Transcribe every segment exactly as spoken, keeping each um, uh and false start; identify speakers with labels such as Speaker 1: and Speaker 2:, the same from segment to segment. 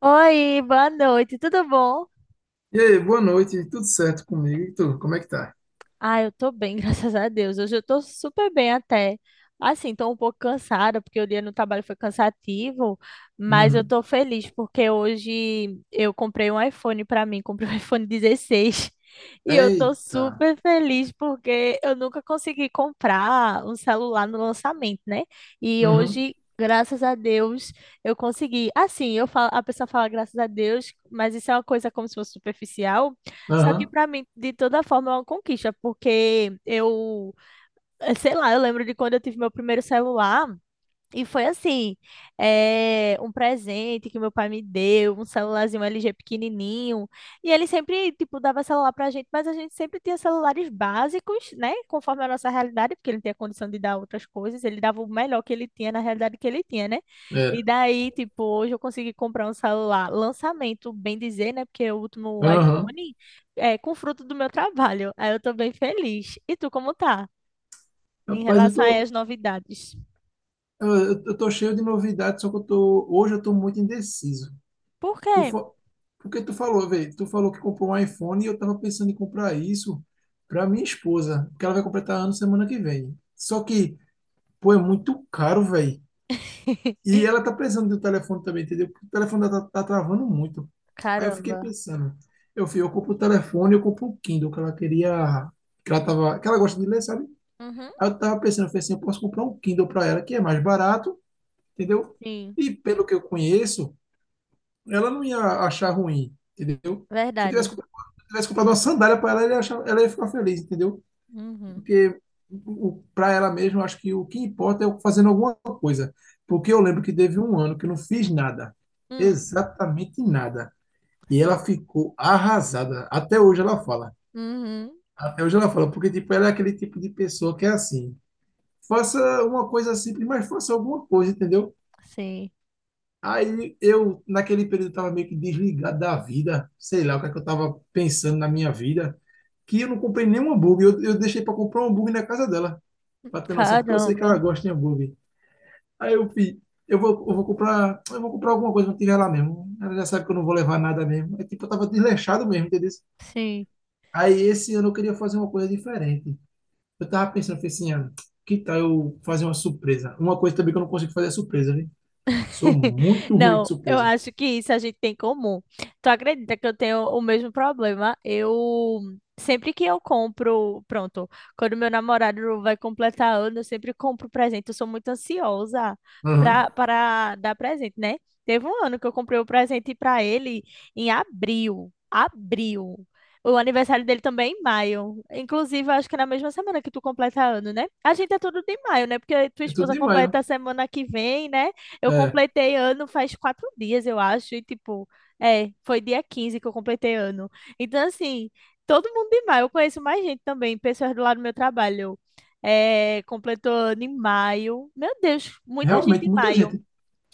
Speaker 1: Oi, boa noite, tudo bom?
Speaker 2: E aí, boa noite, tudo certo comigo? E tu, como é que tá?
Speaker 1: Ah, eu tô bem, graças a Deus. Hoje eu tô super bem até. Assim, tô um pouco cansada, porque o dia no trabalho foi cansativo, mas eu
Speaker 2: Uhum.
Speaker 1: tô feliz porque hoje eu comprei um iPhone pra mim, comprei um iPhone dezesseis. E eu tô
Speaker 2: Eita.
Speaker 1: super feliz porque eu nunca consegui comprar um celular no lançamento, né? E
Speaker 2: Uhum.
Speaker 1: hoje, graças a Deus, eu consegui. Assim, eu falo, a pessoa fala graças a Deus, mas isso é uma coisa como se fosse superficial. Só que
Speaker 2: Aham.
Speaker 1: pra mim, de toda forma, é uma conquista, porque eu, eh, sei lá, eu lembro de quando eu tive meu primeiro celular, e foi assim, é, um presente que meu pai me deu, um celularzinho L G pequenininho. E ele sempre, tipo, dava celular pra gente, mas a gente sempre tinha celulares básicos, né? Conforme a nossa realidade, porque ele não tinha condição de dar outras coisas. Ele dava o melhor que ele tinha na realidade que ele tinha, né? E
Speaker 2: É.
Speaker 1: daí, tipo, hoje eu consegui comprar um celular lançamento, bem dizer, né? Porque o último
Speaker 2: Aham.
Speaker 1: iPhone é com fruto do meu trabalho. Aí eu tô bem feliz. E tu, como tá? Em
Speaker 2: Rapaz, eu
Speaker 1: relação aí
Speaker 2: tô,
Speaker 1: às novidades.
Speaker 2: eu, eu tô cheio de novidades, só que eu tô, hoje eu tô muito indeciso.
Speaker 1: Por
Speaker 2: Tu,
Speaker 1: quê?
Speaker 2: fa- Porque tu falou, velho, tu falou que comprou um iPhone e eu tava pensando em comprar isso pra minha esposa, porque ela vai completar ano semana que vem. Só que, pô, é muito caro, velho. E ela tá precisando do telefone também, entendeu? Porque o telefone dela tá, tá travando muito. Aí eu fiquei
Speaker 1: Caramba.
Speaker 2: pensando, eu fui, eu compro o telefone, eu compro o Kindle, que ela queria, que ela tava, que ela gosta de ler, sabe?
Speaker 1: Uhum.
Speaker 2: Aí eu tava pensando, eu falei assim, eu posso comprar um Kindle para ela, que é mais barato, entendeu?
Speaker 1: Sim,
Speaker 2: E pelo que eu conheço, ela não ia achar ruim, entendeu? Se eu tivesse
Speaker 1: verdade.
Speaker 2: comprado, se eu tivesse comprado uma sandália para ela, ela ia achar- ela ia ficar feliz, entendeu?
Speaker 1: Uhum.
Speaker 2: Porque para ela mesma, eu acho que o que importa é eu fazendo alguma coisa. Porque eu lembro que teve um ano que eu não fiz nada,
Speaker 1: Hum.
Speaker 2: exatamente nada. E ela
Speaker 1: Sim.
Speaker 2: ficou arrasada. Até hoje ela fala.
Speaker 1: Uhum.
Speaker 2: Até hoje ela fala, porque tipo, ela é aquele tipo de pessoa que é assim, faça uma coisa simples, mas faça alguma coisa, entendeu?
Speaker 1: Sim.
Speaker 2: Aí eu, naquele período, estava meio que desligado da vida, sei lá o que, é que eu estava pensando na minha vida, que eu não comprei nenhum hambúrguer, eu, eu deixei para comprar um hambúrguer na casa dela, pra ter noção, porque eu sei que ela
Speaker 1: Caramba.
Speaker 2: gosta de hambúrguer. Aí eu fiz, eu vou, eu vou comprar, eu vou comprar alguma coisa pra tirar lá mesmo. Ela já sabe que eu não vou levar nada mesmo. É tipo, eu tava desleixado mesmo, entendeu?
Speaker 1: Sim.
Speaker 2: Aí esse ano eu queria fazer uma coisa diferente. Eu tava pensando, falei assim, ah, que tal eu fazer uma surpresa? Uma coisa também que eu não consigo fazer é surpresa, viu? Sou muito ruim de
Speaker 1: Não, eu
Speaker 2: surpresa.
Speaker 1: acho que isso a gente tem em comum. Tu acredita que eu tenho o mesmo problema? Eu sempre que eu compro, pronto, quando meu namorado vai completar ano, eu sempre compro presente. Eu sou muito ansiosa
Speaker 2: Aham.
Speaker 1: pra, para dar presente, né? Teve um ano que eu comprei o presente pra ele em abril. Abril. O aniversário dele também é em maio. Inclusive, eu acho que é na mesma semana que tu completa ano, né? A gente é tudo de maio, né? Porque tua
Speaker 2: É tudo
Speaker 1: esposa
Speaker 2: demais, né?
Speaker 1: completa a semana que vem, né? Eu
Speaker 2: É,
Speaker 1: completei ano faz quatro dias, eu acho, e tipo, é, foi dia quinze que eu completei ano. Então, assim, todo mundo em maio, eu conheço mais gente também, pessoas do lado do meu trabalho. É, completou ano em maio. Meu Deus, muita gente
Speaker 2: realmente,
Speaker 1: em
Speaker 2: muita
Speaker 1: maio.
Speaker 2: gente.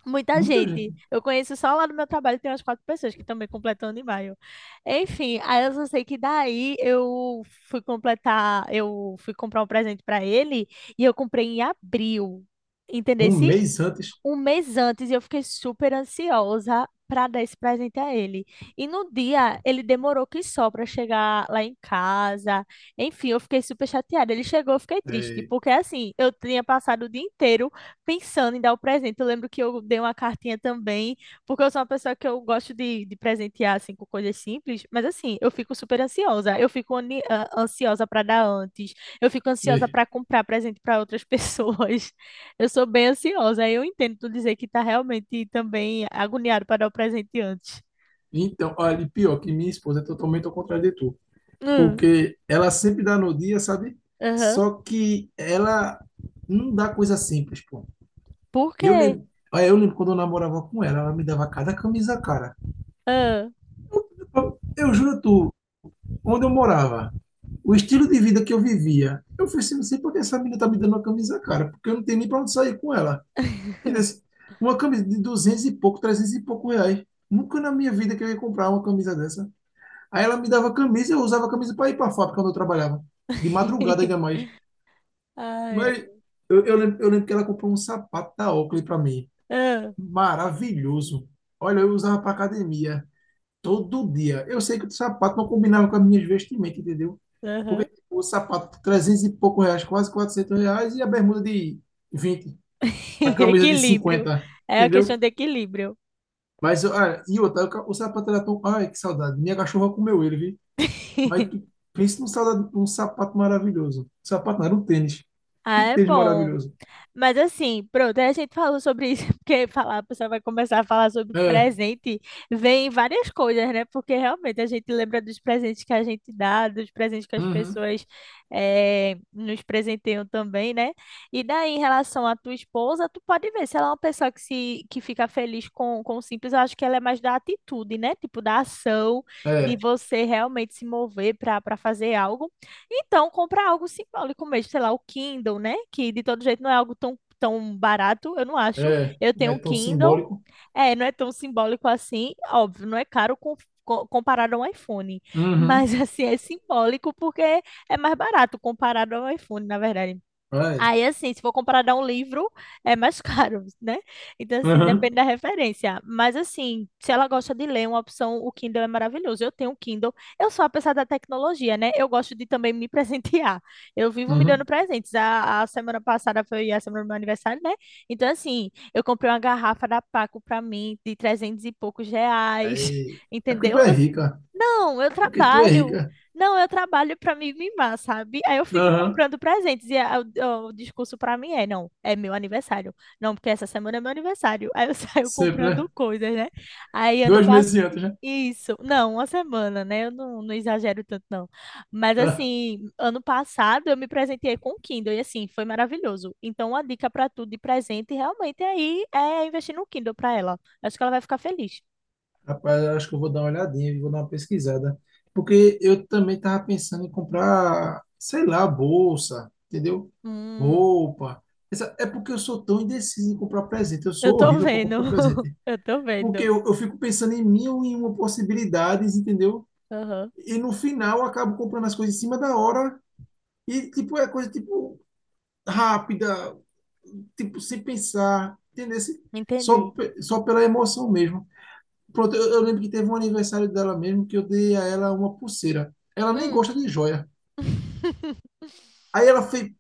Speaker 1: Muita
Speaker 2: Muita
Speaker 1: gente.
Speaker 2: gente.
Speaker 1: Eu conheço só lá do meu trabalho, tem umas quatro pessoas que também completam ano em maio. Enfim, aí eu só sei que daí eu fui completar, eu fui comprar um presente para ele e eu comprei em abril. Entendeu?
Speaker 2: Um mês antes.
Speaker 1: Um mês antes e eu fiquei super ansiosa para dar esse presente a ele. E no dia ele demorou que só para chegar lá em casa. Enfim, eu fiquei super chateada. Ele chegou, eu fiquei triste,
Speaker 2: É,
Speaker 1: porque assim, eu tinha passado o dia inteiro pensando em dar o presente. Eu lembro que eu dei uma cartinha também, porque eu sou uma pessoa que eu gosto de, de presentear assim com coisas simples, mas assim, eu fico super ansiosa. Eu fico ani- a- ansiosa para dar antes. Eu fico ansiosa
Speaker 2: é.
Speaker 1: para comprar presente para outras pessoas. Eu sou bem ansiosa, aí eu entendo tu dizer que tá realmente também agoniado para dar o presente antes.
Speaker 2: Então, olha, e pior que minha esposa é totalmente ao contrário de tu.
Speaker 1: Hum.
Speaker 2: Porque ela sempre dá no dia, sabe?
Speaker 1: Aham.
Speaker 2: Só que ela não dá coisa simples, pô.
Speaker 1: Por
Speaker 2: Eu
Speaker 1: quê?
Speaker 2: lembro, ah, eu lembro quando eu namorava com ela, ela me dava cada camisa, cara.
Speaker 1: Ah.
Speaker 2: Eu, eu juro a tu, onde eu morava, o estilo de vida que eu vivia, eu falei assim, não sei por que essa menina tá me dando uma camisa, cara, porque eu não tenho nem pra onde sair com ela. Entendeu? Uma camisa de duzentos e pouco, trezentos e pouco reais. Nunca na minha vida que eu ia comprar uma camisa dessa. Aí ela me dava camisa, eu usava a camisa para ir para a fábrica onde eu trabalhava. De madrugada ainda mais.
Speaker 1: Ai,
Speaker 2: Mas
Speaker 1: ai.
Speaker 2: eu, eu, lembro, eu lembro que ela comprou um sapato da Oakley para mim.
Speaker 1: Ah.
Speaker 2: Maravilhoso. Olha, eu usava para academia todo dia. Eu sei que o sapato não combinava com as minhas vestimentas, entendeu? Porque
Speaker 1: Aham.
Speaker 2: tipo, o sapato trezentos e pouco reais, quase quatrocentos reais, e a bermuda de vinte, a camisa de
Speaker 1: Equilíbrio.
Speaker 2: cinquenta,
Speaker 1: É a questão
Speaker 2: entendeu?
Speaker 1: de equilíbrio.
Speaker 2: Mas, olha, e outra, o ca- o sapato era tão... Ai, que saudade. Minha cachorra comeu ele, viu? Mas tu pensa num saudade, num sapato maravilhoso. Sapato não, era um tênis.
Speaker 1: Ah,
Speaker 2: Que
Speaker 1: é
Speaker 2: tênis
Speaker 1: bom.
Speaker 2: maravilhoso.
Speaker 1: Mas assim, pronto, aí a gente falou sobre isso, porque falar, a pessoa vai começar a falar sobre
Speaker 2: É.
Speaker 1: presente, vem várias coisas, né? Porque realmente a gente lembra dos presentes que a gente dá, dos presentes que as
Speaker 2: Uhum.
Speaker 1: pessoas eh, nos presenteiam também, né? E daí, em relação à tua esposa, tu pode ver, se ela é uma pessoa que, se, que fica feliz com, com o simples, eu acho que ela é mais da atitude, né? Tipo, da ação, de
Speaker 2: É,
Speaker 1: você realmente se mover para para fazer algo. Então, compra algo simbólico mesmo, sei lá, o Kindle, né? Que de todo jeito não é algo tão, tão barato, eu não acho.
Speaker 2: é,
Speaker 1: Eu tenho
Speaker 2: é
Speaker 1: um
Speaker 2: tão
Speaker 1: Kindle,
Speaker 2: simbólico.
Speaker 1: é, não é tão simbólico assim, óbvio, não é caro com- co- comparado a um iPhone, mas
Speaker 2: Uhum,
Speaker 1: assim, é simbólico porque é mais barato comparado ao iPhone, na verdade.
Speaker 2: é,
Speaker 1: Aí, assim, se for comprar dar um livro, é mais caro, né? Então, assim,
Speaker 2: uhum,
Speaker 1: depende da referência. Mas, assim, se ela gosta de ler, uma opção, o Kindle é maravilhoso. Eu tenho um Kindle. Eu sou a pessoa da tecnologia, né? Eu gosto de também me presentear. Eu vivo me dando
Speaker 2: uhum.
Speaker 1: presentes. A, a semana passada foi a semana do meu aniversário, né? Então, assim, eu comprei uma garrafa da Paco pra mim de trezentos e poucos reais,
Speaker 2: Aí, é porque tu
Speaker 1: entendeu?
Speaker 2: é
Speaker 1: Eu-
Speaker 2: rica,
Speaker 1: não, eu
Speaker 2: é porque tu é
Speaker 1: trabalho.
Speaker 2: rica.
Speaker 1: Não, eu trabalho pra me mimar, sabe? Aí eu fico
Speaker 2: Uhum,
Speaker 1: comprando presentes e a- o, o discurso pra mim é, não, é meu aniversário. Não, porque essa semana é meu aniversário. Aí eu saio
Speaker 2: sempre,
Speaker 1: comprando
Speaker 2: né?
Speaker 1: coisas, né? Aí ano
Speaker 2: Dois meses
Speaker 1: passado.
Speaker 2: antes, né?
Speaker 1: Isso, não, uma semana, né? Eu não, não exagero tanto, não. Mas
Speaker 2: Ah,
Speaker 1: assim, ano passado eu me presenteei com o Kindle e assim, foi maravilhoso. Então, uma dica pra tu de presente realmente aí é investir no Kindle pra ela. Acho que ela vai ficar feliz.
Speaker 2: rapaz, eu acho que eu vou dar uma olhadinha, vou dar uma pesquisada. Porque eu também tava pensando em comprar, sei lá, bolsa, entendeu?
Speaker 1: Hum,
Speaker 2: Roupa. Essa, é porque eu sou tão indeciso em comprar presente, eu
Speaker 1: eu
Speaker 2: sou
Speaker 1: tô
Speaker 2: horrível para
Speaker 1: vendo.
Speaker 2: comprar presente.
Speaker 1: Eu tô
Speaker 2: Porque
Speaker 1: vendo.
Speaker 2: eu, eu fico pensando em mil e uma possibilidades, entendeu?
Speaker 1: Aham.
Speaker 2: E no final acabo comprando as coisas em cima da hora e tipo é coisa tipo rápida, tipo sem pensar, entendeu? Só,
Speaker 1: Entendi.
Speaker 2: pe- só pela emoção mesmo. Pronto, eu, eu lembro que teve um aniversário dela mesmo que eu dei a ela uma pulseira. Ela nem
Speaker 1: Hum.
Speaker 2: gosta de joia. Aí ela fez,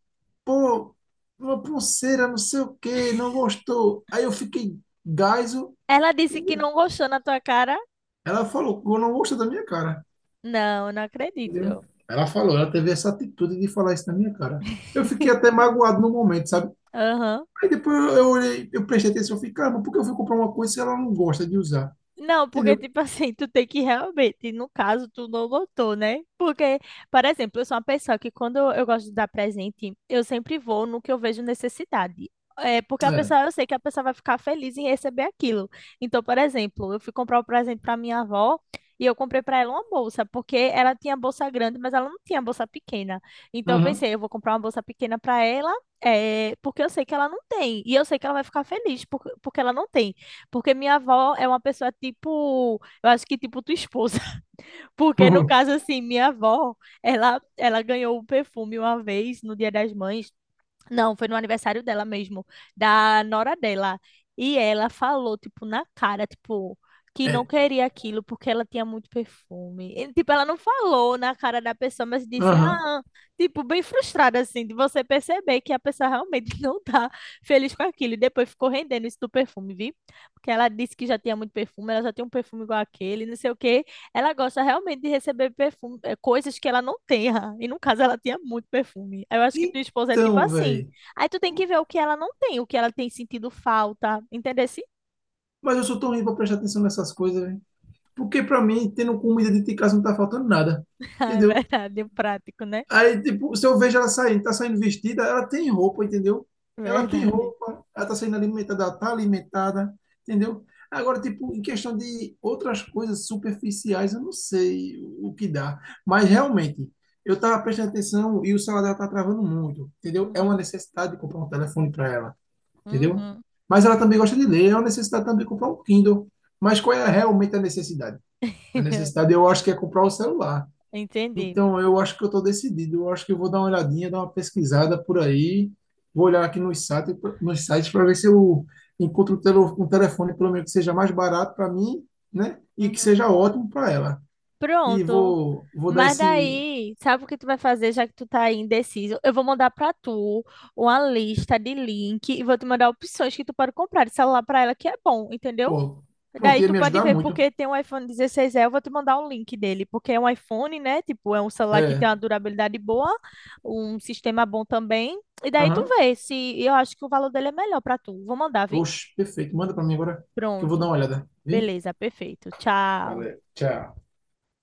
Speaker 2: pô, uma pulseira, não sei o quê, não gostou. Aí eu fiquei gaiso,
Speaker 1: Ela disse que
Speaker 2: entendeu?
Speaker 1: não gostou na tua cara?
Speaker 2: Ela falou, eu não gosto da minha cara.
Speaker 1: Não, não
Speaker 2: Entendeu?
Speaker 1: acredito.
Speaker 2: Ela falou, ela teve essa atitude de falar isso na minha cara. Eu fiquei até magoado no momento, sabe?
Speaker 1: Aham.
Speaker 2: Aí depois eu, eu olhei, eu prestei atenção, eu fiquei, caramba, por que eu fui comprar uma coisa se ela não gosta de usar?
Speaker 1: Não, porque,
Speaker 2: Entendeu?
Speaker 1: tipo assim, tu tem que realmente, no caso, tu não notou, né? Porque, por exemplo, eu sou uma pessoa que quando eu gosto de dar presente, eu sempre vou no que eu vejo necessidade. É porque a
Speaker 2: É.
Speaker 1: pessoa, eu sei que a pessoa vai ficar feliz em receber aquilo. Então, por exemplo, eu fui comprar um presente para minha avó e eu comprei para ela uma bolsa, porque ela tinha bolsa grande, mas ela não tinha bolsa pequena. Então, eu
Speaker 2: Aham.
Speaker 1: pensei, eu vou comprar uma bolsa pequena para ela, é, porque eu sei que ela não tem. E eu sei que ela vai ficar feliz por- porque ela não tem. Porque minha avó é uma pessoa tipo, eu acho que tipo tua esposa. Porque no caso assim, minha avó, ela ela ganhou o perfume uma vez no Dia das Mães, não, foi no aniversário dela mesmo, da nora dela. E ela falou, tipo, na cara, tipo, que não
Speaker 2: É.
Speaker 1: queria aquilo porque ela tinha muito perfume. E, tipo, ela não falou na cara da pessoa, mas disse,
Speaker 2: Aham.
Speaker 1: ah, tipo, bem frustrada, assim, de você perceber que a pessoa realmente não tá feliz com aquilo. E depois ficou rendendo isso do perfume, viu? Porque ela disse que já tinha muito perfume, ela já tem um perfume igual aquele, não sei o quê. Ela gosta realmente de receber perfume, eh, coisas que ela não tenha. E no caso, ela tinha muito perfume. Eu acho que tua esposa é tipo
Speaker 2: Então,
Speaker 1: assim.
Speaker 2: velho.
Speaker 1: Aí tu tem que ver o que ela não tem, o que ela tem sentido falta. Entendeu?
Speaker 2: Mas eu sou tão ruim pra prestar atenção nessas coisas, velho. Porque pra mim, tendo comida dentro de casa não tá faltando nada.
Speaker 1: Ah, é
Speaker 2: Entendeu?
Speaker 1: verdade, o prático, né?
Speaker 2: Aí, tipo, se eu vejo ela saindo, tá saindo vestida, ela tem roupa, entendeu? Ela tem
Speaker 1: Verdade.
Speaker 2: roupa, ela tá saindo alimentada, ela tá alimentada, entendeu? Agora, tipo, em questão de outras coisas superficiais, eu não sei o que dá. Mas, realmente, eu tava prestando atenção e o celular dela tá travando muito, entendeu? É uma
Speaker 1: Uhum.
Speaker 2: necessidade de comprar um telefone para ela, entendeu?
Speaker 1: Uhum.
Speaker 2: Mas ela também gosta de ler, é uma necessidade também de comprar um Kindle. Mas qual é realmente a necessidade? A necessidade, eu acho que é comprar o celular.
Speaker 1: Entendi.
Speaker 2: Então, eu acho que eu estou decidido. Eu acho que eu vou dar uma olhadinha, dar uma pesquisada por aí. Vou olhar aqui nos sites, nos sites para ver se eu encontro um tele- um telefone, pelo menos, que seja mais barato para mim, né? E que
Speaker 1: Uhum.
Speaker 2: seja ótimo para ela. E
Speaker 1: Pronto.
Speaker 2: vou, vou dar
Speaker 1: Mas
Speaker 2: esse.
Speaker 1: daí, sabe o que tu vai fazer já que tu tá aí indeciso? Eu vou mandar pra tu uma lista de link e vou te mandar opções que tu pode comprar de celular pra ela que é bom, entendeu?
Speaker 2: Pô, pronto,
Speaker 1: Daí
Speaker 2: ia
Speaker 1: tu
Speaker 2: me
Speaker 1: pode
Speaker 2: ajudar
Speaker 1: ver,
Speaker 2: muito.
Speaker 1: porque tem um iPhone dezesseis E, eu vou te mandar o link dele, porque é um iPhone, né? Tipo, é um celular que tem
Speaker 2: É.
Speaker 1: uma durabilidade boa, um sistema bom também. E daí tu
Speaker 2: Aham.
Speaker 1: vê se eu acho que o valor dele é melhor pra tu. Vou mandar, vi?
Speaker 2: Oxe, perfeito. Manda para mim agora que eu vou dar
Speaker 1: Pronto.
Speaker 2: uma olhada. Vi.
Speaker 1: Beleza, perfeito. Tchau.
Speaker 2: Valeu, tchau.